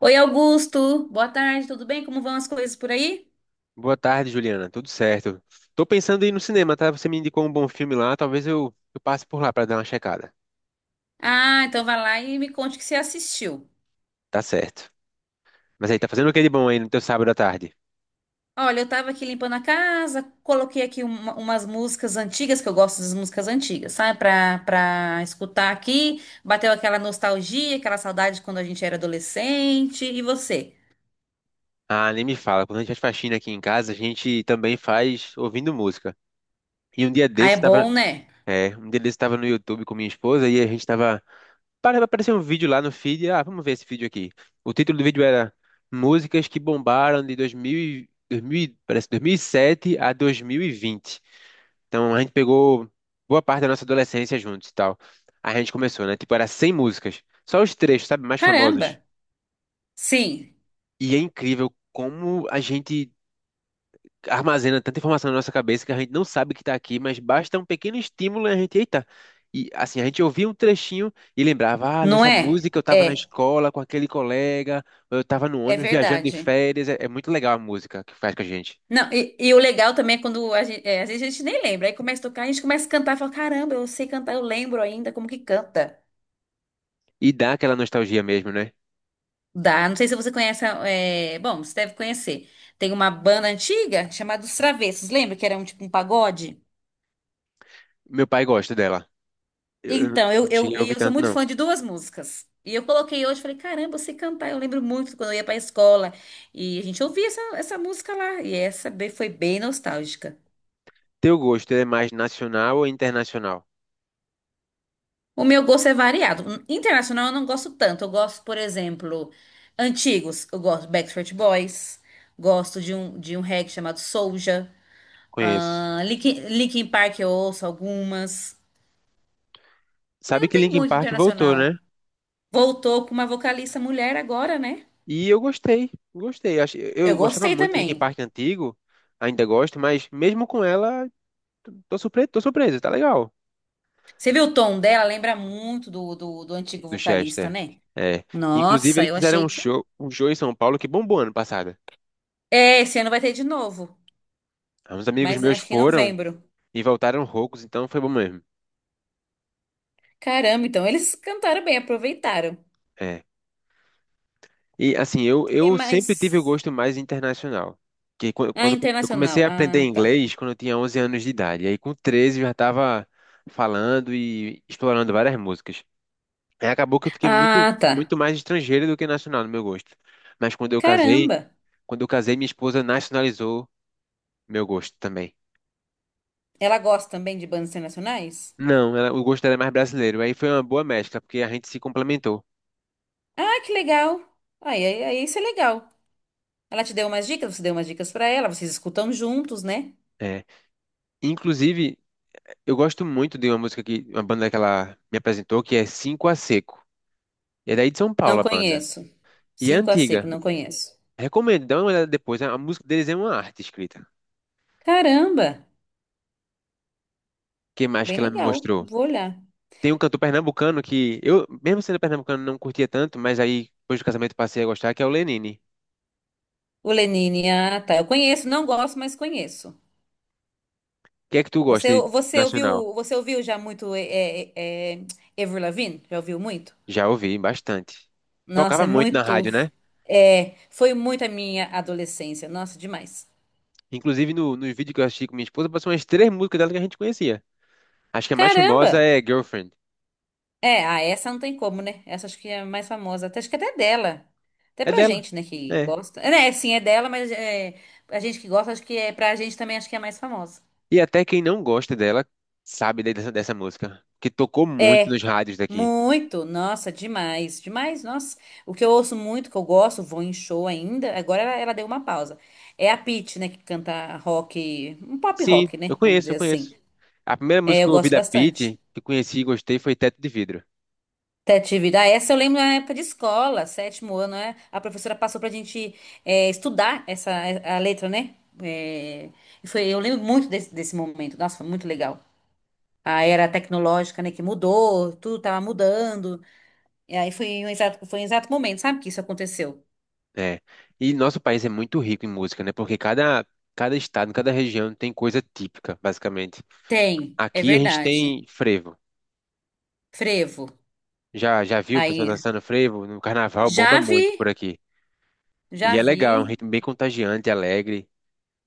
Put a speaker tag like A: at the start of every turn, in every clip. A: Oi, Augusto. Boa tarde, tudo bem? Como vão as coisas por aí?
B: Boa tarde, Juliana. Tudo certo? Tô pensando em ir no cinema, tá? Você me indicou um bom filme lá, talvez eu passe por lá pra dar uma checada.
A: Ah, então vai lá e me conte o que você assistiu.
B: Tá certo. Mas aí, tá fazendo o que de bom aí no teu sábado à tarde?
A: Olha, eu tava aqui limpando a casa, coloquei aqui umas músicas antigas, que eu gosto das músicas antigas, sabe? Pra escutar aqui, bateu aquela nostalgia, aquela saudade de quando a gente era adolescente. E você?
B: Ah, nem me fala. Quando a gente faz faxina aqui em casa, a gente também faz ouvindo música. E um dia
A: Ah, é
B: desse tava.
A: bom, né?
B: É, um dia desse tava no YouTube com minha esposa e a gente tava. Para aparecer um vídeo lá no feed. Ah, vamos ver esse vídeo aqui. O título do vídeo era Músicas que bombaram de 2000, e- parece 2007 a 2020. Então a gente pegou boa parte da nossa adolescência juntos e tal. Aí a gente começou, né? Tipo, era 100 músicas. Só os trechos, sabe? Mais famosos.
A: Caramba! Sim,
B: E é incrível como a gente armazena tanta informação na nossa cabeça que a gente não sabe que tá aqui, mas basta um pequeno estímulo e a gente, eita. E assim, a gente ouvia um trechinho e lembrava, ah,
A: não
B: nessa
A: é?
B: música eu tava na
A: É,
B: escola com aquele colega, ou eu tava no
A: é
B: ônibus viajando de
A: verdade.
B: férias. É, é muito legal a música que faz com a gente.
A: Não, e o legal também é quando a gente, às vezes a gente nem lembra, aí começa a tocar, a gente começa a cantar e fala, caramba, eu sei cantar, eu lembro ainda como que canta.
B: E dá aquela nostalgia mesmo, né?
A: Dá, não sei se você conhece, é, bom, você deve conhecer. Tem uma banda antiga chamada Os Travessos, lembra que era um tipo um pagode?
B: Meu pai gosta dela. Eu
A: Então, eu,
B: não
A: eu,
B: cheguei a
A: e
B: ouvir
A: eu sou
B: tanto,
A: muito
B: não.
A: fã de duas músicas. E eu coloquei hoje, falei, caramba, eu sei cantar, eu lembro muito quando eu ia pra escola. E a gente ouvia essa música lá, e foi bem nostálgica.
B: Teu gosto, ele é mais nacional ou internacional?
A: O meu gosto é variado. Internacional eu não gosto tanto. Eu gosto, por exemplo, antigos. Eu gosto de Backstreet Boys. Gosto de um reggae chamado Soulja.
B: Conheço.
A: Ah, Linkin Park eu ouço algumas. Mas
B: Sabe
A: não
B: que
A: tem
B: Linkin
A: muito
B: Park voltou,
A: internacional.
B: né?
A: Voltou com uma vocalista mulher agora, né?
B: E eu gostei, gostei. Acho-
A: Eu
B: Eu gostava
A: gostei
B: muito de Linkin
A: também.
B: Park antigo, ainda gosto, mas mesmo com ela, tô surpreso, tá legal.
A: Você viu o tom dela? Lembra muito do antigo
B: Do
A: vocalista,
B: Chester.
A: né?
B: É. Inclusive,
A: Nossa,
B: eles
A: eu
B: fizeram
A: achei que.
B: um show em São Paulo que bombou ano passado.
A: É, esse ano vai ter de novo.
B: Uns amigos
A: Mas
B: meus
A: acho que em
B: foram
A: novembro.
B: e voltaram roucos, então foi bom mesmo.
A: Caramba, então eles cantaram bem, aproveitaram.
B: É. E assim, eu,
A: Que
B: eu sempre tive o
A: mais?
B: gosto mais internacional. Que quan-
A: Ah,
B: quando eu comecei
A: internacional.
B: a aprender
A: Ah, tá.
B: inglês, quando eu tinha 11 anos de idade, e aí com 13 eu já estava falando e explorando várias músicas. Aí acabou que eu fiquei muito,
A: Ah, tá.
B: muito mais estrangeiro do que nacional no meu gosto. Mas
A: Caramba.
B: quando eu casei, minha esposa nacionalizou meu gosto também.
A: Ela gosta também de bandas internacionais?
B: Não, ela- o gosto dela é mais brasileiro. Aí foi uma boa mescla, porque a gente se complementou.
A: Ah, que legal. Aí, isso é legal. Ela te deu umas dicas, você deu umas dicas pra ela, vocês escutam juntos, né?
B: É. Inclusive, eu gosto muito de uma música que uma banda que ela me apresentou, que é Cinco a Seco. É daí de São Paulo
A: Não
B: a banda.
A: conheço.
B: E é
A: Cinco a seco,
B: antiga.
A: não conheço.
B: Recomendo, dá uma olhada depois. A música deles é uma arte escrita.
A: Caramba,
B: Que mais
A: bem
B: que ela me
A: legal.
B: mostrou?
A: Vou olhar.
B: Tem um cantor pernambucano que eu, mesmo sendo pernambucano, não curtia tanto, mas aí depois do casamento passei a gostar, que é o Lenine.
A: O Lenine, ah, tá. Eu conheço, não gosto, mas conheço.
B: O que é que tu gosta
A: Você,
B: de
A: você
B: nacional?
A: ouviu, você ouviu já muito é, Avril Lavigne? Já ouviu muito?
B: Já ouvi bastante.
A: Nossa,
B: Tocava
A: é
B: muito na
A: muito.
B: rádio, né?
A: É, foi muito a minha adolescência. Nossa, demais.
B: Inclusive no, nos vídeos que eu assisti com minha esposa, passou umas três músicas dela que a gente conhecia. Acho que a mais
A: Caramba!
B: famosa é Girlfriend.
A: É, ah, essa não tem como, né? Essa acho que é a mais famosa. Até, acho que até é dela. Até
B: É
A: pra
B: dela.
A: gente, né, que
B: É.
A: gosta. É, né, sim, é dela, mas é, a gente que gosta, acho que é pra gente também, acho que é a mais famosa.
B: E até quem não gosta dela sabe dessa, dessa música, que tocou muito nos rádios daqui.
A: Muito! Nossa, demais, demais. Nossa, o que eu ouço muito, que eu gosto, vou em show ainda. Agora ela deu uma pausa. É a Pitty, né, que canta rock, um pop
B: Sim,
A: rock,
B: eu
A: né? Vamos
B: conheço,
A: dizer
B: eu
A: assim.
B: conheço. A primeira música
A: É,
B: que
A: eu
B: eu ouvi
A: gosto
B: da Pitty,
A: bastante.
B: que eu conheci e gostei, foi Teto de Vidro.
A: Criatividade. Ah, essa eu lembro na época de escola, sétimo ano, né? A professora passou pra gente é, estudar essa a letra, né? É, e foi, eu lembro muito desse momento. Nossa, foi muito legal. A era tecnológica, né, que mudou, tudo tava mudando. E aí foi um exato momento, sabe que isso aconteceu?
B: É. E nosso país é muito rico em música, né? Porque cada, cada estado, cada região tem coisa típica, basicamente.
A: Tem, é
B: Aqui a gente
A: verdade.
B: tem frevo.
A: Frevo.
B: Já, já viu o pessoal
A: Aí,
B: dançando frevo? No carnaval bomba
A: já
B: muito por
A: vi,
B: aqui. E
A: já
B: é legal, é um
A: vi.
B: ritmo bem contagiante, alegre.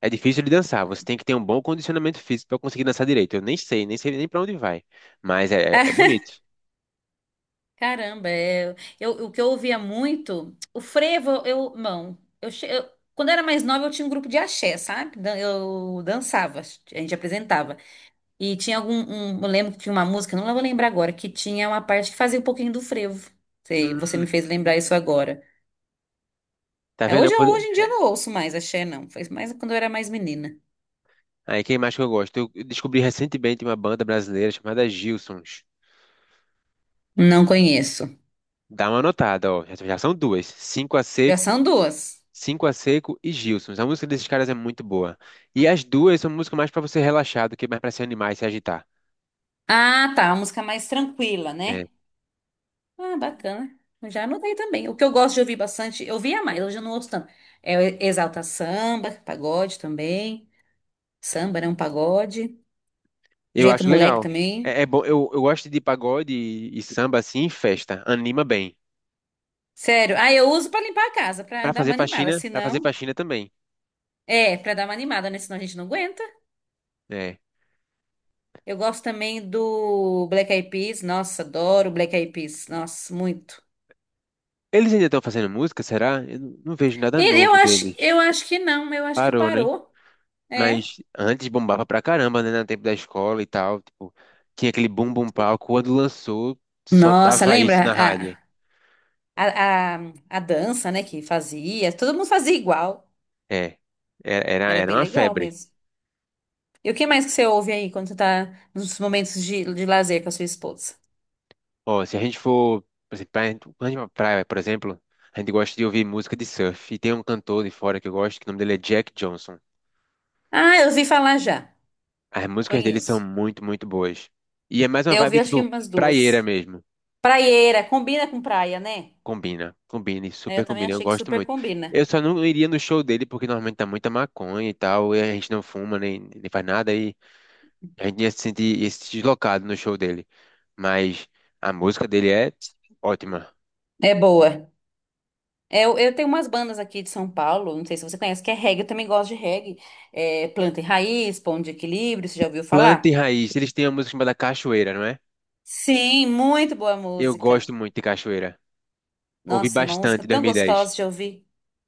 B: É difícil de dançar, você tem que ter um bom condicionamento físico para conseguir dançar direito. Eu nem sei, nem sei nem para onde vai, mas é, é bonito.
A: Caramba, é, eu, o que eu ouvia muito, o frevo, eu, não, eu, che- eu- quando eu era mais nova eu tinha um grupo de axé, sabe? Eu dançava, a gente apresentava. E tinha eu lembro que tinha uma música, não vou lembrar agora, que tinha uma parte que fazia um pouquinho do frevo. Sei,
B: Hum,
A: você me fez lembrar isso agora.
B: tá
A: Ah,
B: vendo? Eu
A: hoje,
B: pod-
A: hoje em dia eu não ouço mais axé, não. Foi mais quando eu era mais menina.
B: Aí quem mais que eu gosto? Eu descobri recentemente uma banda brasileira chamada Gilsons.
A: Não conheço.
B: Dá uma notada, ó. Já, já são duas.
A: Já são duas.
B: Cinco a Seco e Gilsons. A música desses caras é muito boa. E as duas são músicas mais pra você relaxar do que mais pra se animar e se agitar.
A: Ah, tá, uma música mais tranquila,
B: É,
A: né? Ah, bacana. Eu já anotei também. O que eu gosto de ouvir bastante, eu ouvia mais, hoje eu não ouço tanto. É o Exalta Samba, pagode também. Samba, né? Um pagode.
B: eu
A: Jeito
B: acho
A: moleque
B: legal.
A: também.
B: É, é bom. Eu gosto de pagode e samba assim em festa. Anima bem.
A: Sério. Ah, eu uso pra limpar a casa, pra
B: Pra
A: dar uma
B: fazer
A: animada.
B: faxina,
A: Se
B: para fazer
A: não.
B: faxina também.
A: É, pra dar uma animada, né? Senão a gente não aguenta.
B: É.
A: Eu gosto também do Black Eyed Peas. Nossa, adoro Black Eyed Peas. Nossa, muito.
B: Eles ainda estão fazendo música, será? Eu não vejo nada
A: E eu
B: novo
A: acho,
B: deles.
A: eu acho que não, eu acho que
B: Parou, né?
A: parou. É.
B: Mas antes bombava pra caramba, né? No tempo da escola e tal. Tipo, tinha aquele bum bum palco. Quando lançou, só
A: Nossa,
B: dava isso
A: lembra?
B: na rádio.
A: Ah, A, a, a dança, né, que fazia, todo mundo fazia igual.
B: É. Era, era
A: Era
B: era
A: bem
B: uma
A: legal
B: febre.
A: mesmo. E o que mais que você ouve aí quando você tá nos momentos de lazer com a sua esposa?
B: Ó, se a gente for, por exemplo, pra, quando a gente vai pra praia, por exemplo, a gente gosta de ouvir música de surf. E tem um cantor de fora que eu gosto, que o nome dele é Jack Johnson.
A: Ah, eu ouvi falar já.
B: As músicas dele são
A: Conheço.
B: muito, muito boas. E é mais uma
A: Eu vi
B: vibe,
A: acho que
B: tipo,
A: umas
B: praieira
A: duas.
B: mesmo.
A: Praieira, combina com praia, né?
B: Combina, combina, e
A: É,
B: super
A: eu também
B: combina, eu
A: achei que
B: gosto
A: super
B: muito.
A: combina.
B: Eu só não iria no show dele porque normalmente tá muita maconha e tal, e a gente não fuma nem, nem faz nada e a gente ia se sentir deslocado no show dele. Mas a música dele é ótima.
A: É boa. É, eu tenho umas bandas aqui de São Paulo, não sei se você conhece, que é reggae, eu também gosto de reggae. É, Planta e Raiz, Pão de Equilíbrio, você já ouviu
B: Planta e
A: falar?
B: Raiz, eles têm uma música chamada Cachoeira, não é?
A: Sim, muito boa
B: Eu
A: música.
B: gosto muito de Cachoeira. Ouvi
A: Nossa, uma música
B: bastante em
A: tão
B: 2010.
A: gostosa de ouvir.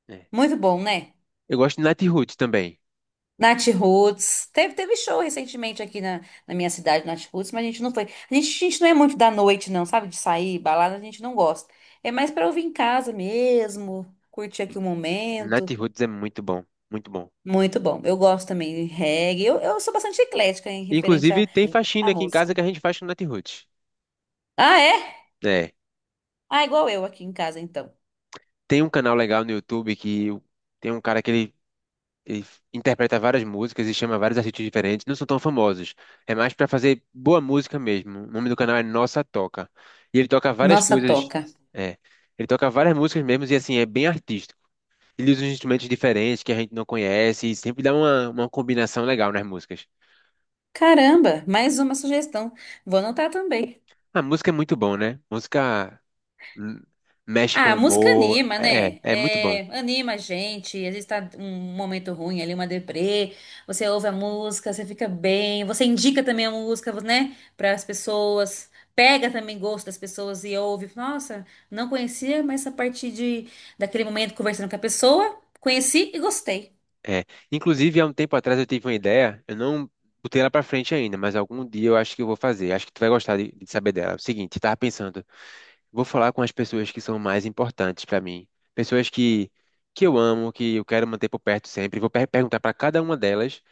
B: É.
A: Muito bom, né?
B: Eu gosto de Nat Roots também.
A: Nath Roots. Teve show recentemente aqui na, na minha cidade, Nath Roots, mas a gente não foi. A gente não é muito da noite, não, sabe? De sair, balada, a gente não gosta. É mais pra ouvir em casa mesmo, curtir aqui o
B: Nat
A: momento.
B: Roots é muito bom, muito bom.
A: Muito bom. Eu gosto também de reggae. Eu sou bastante eclética em referente à,
B: Inclusive tem faxina
A: à
B: aqui em
A: música.
B: casa que a gente faz com Nat Roots.
A: Ah, é?
B: É.
A: Ah, igual eu aqui em casa, então.
B: Tem um canal legal no YouTube que o- tem um cara que ele interpreta várias músicas e chama vários artistas diferentes. Não são tão famosos. É mais pra fazer boa música mesmo. O nome do canal é Nossa Toca. E ele toca várias
A: Nossa,
B: coisas.
A: toca.
B: É. Ele toca várias músicas mesmo e assim, é bem artístico. Ele usa uns instrumentos diferentes que a gente não conhece e sempre dá uma combinação legal nas músicas.
A: Caramba, mais uma sugestão. Vou anotar também.
B: A música é muito bom, né? Música hum, mexe com
A: Ah, a
B: o
A: música
B: humor.
A: anima,
B: É,
A: né?
B: é muito bom.
A: É, anima a gente. Às vezes tá um momento ruim ali, uma deprê. Você ouve a música, você fica bem. Você indica também a música, né? Para as pessoas. Pega também gosto das pessoas e ouve. Nossa, não conhecia, mas a partir daquele momento conversando com a pessoa, conheci e gostei.
B: É, inclusive, há um tempo atrás eu tive uma ideia, eu não botei ela pra frente ainda, mas algum dia eu acho que eu vou fazer. Acho que tu vai gostar de saber dela. É o seguinte, eu tava pensando, vou falar com as pessoas que são mais importantes pra mim, pessoas que eu amo, que eu quero manter por perto sempre. Vou per- perguntar pra cada uma delas,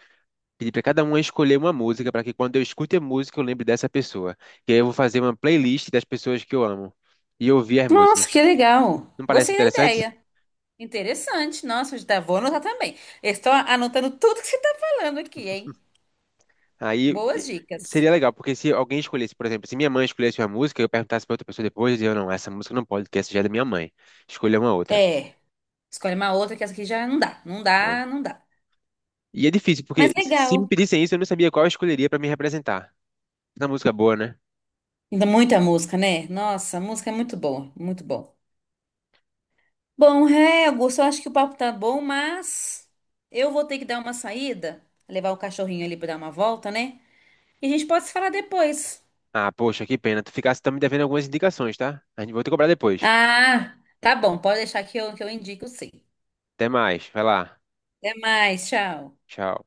B: pedir pra cada uma escolher uma música pra que quando eu escute a música eu lembre dessa pessoa. E aí eu vou fazer uma playlist das pessoas que eu amo e ouvir as
A: Nossa,
B: músicas.
A: que legal.
B: Não parece
A: Gostei da
B: interessante?
A: ideia. Interessante. Nossa, já vou anotar também. Eu estou anotando tudo que você tá falando aqui, hein?
B: Aí
A: Boas
B: e-
A: dicas.
B: seria legal, porque se alguém escolhesse, por exemplo, se minha mãe escolhesse uma música, eu perguntasse pra outra pessoa depois, eu dizia, não, essa música não pode, porque essa já é da minha mãe. Escolha uma outra.
A: É. Escolhe uma outra que essa aqui já não dá, não
B: É.
A: dá, não dá.
B: E é difícil,
A: Mas
B: porque se me
A: legal.
B: pedissem isso, eu não sabia qual eu escolheria pra me representar. Na música é boa, né?
A: Ainda muita música, né? Nossa, a música é muito boa, muito bom. Bom, é, Augusto, eu acho que o papo tá bom, mas eu vou ter que dar uma saída, levar o cachorrinho ali pra dar uma volta, né? E a gente pode se falar depois.
B: Ah, poxa, que pena. Tu ficasse, tá me devendo algumas indicações, tá? A gente vou te cobrar depois.
A: Ah, tá bom, pode deixar que eu indico sim.
B: Até mais. Vai lá.
A: Até mais, tchau.
B: Tchau.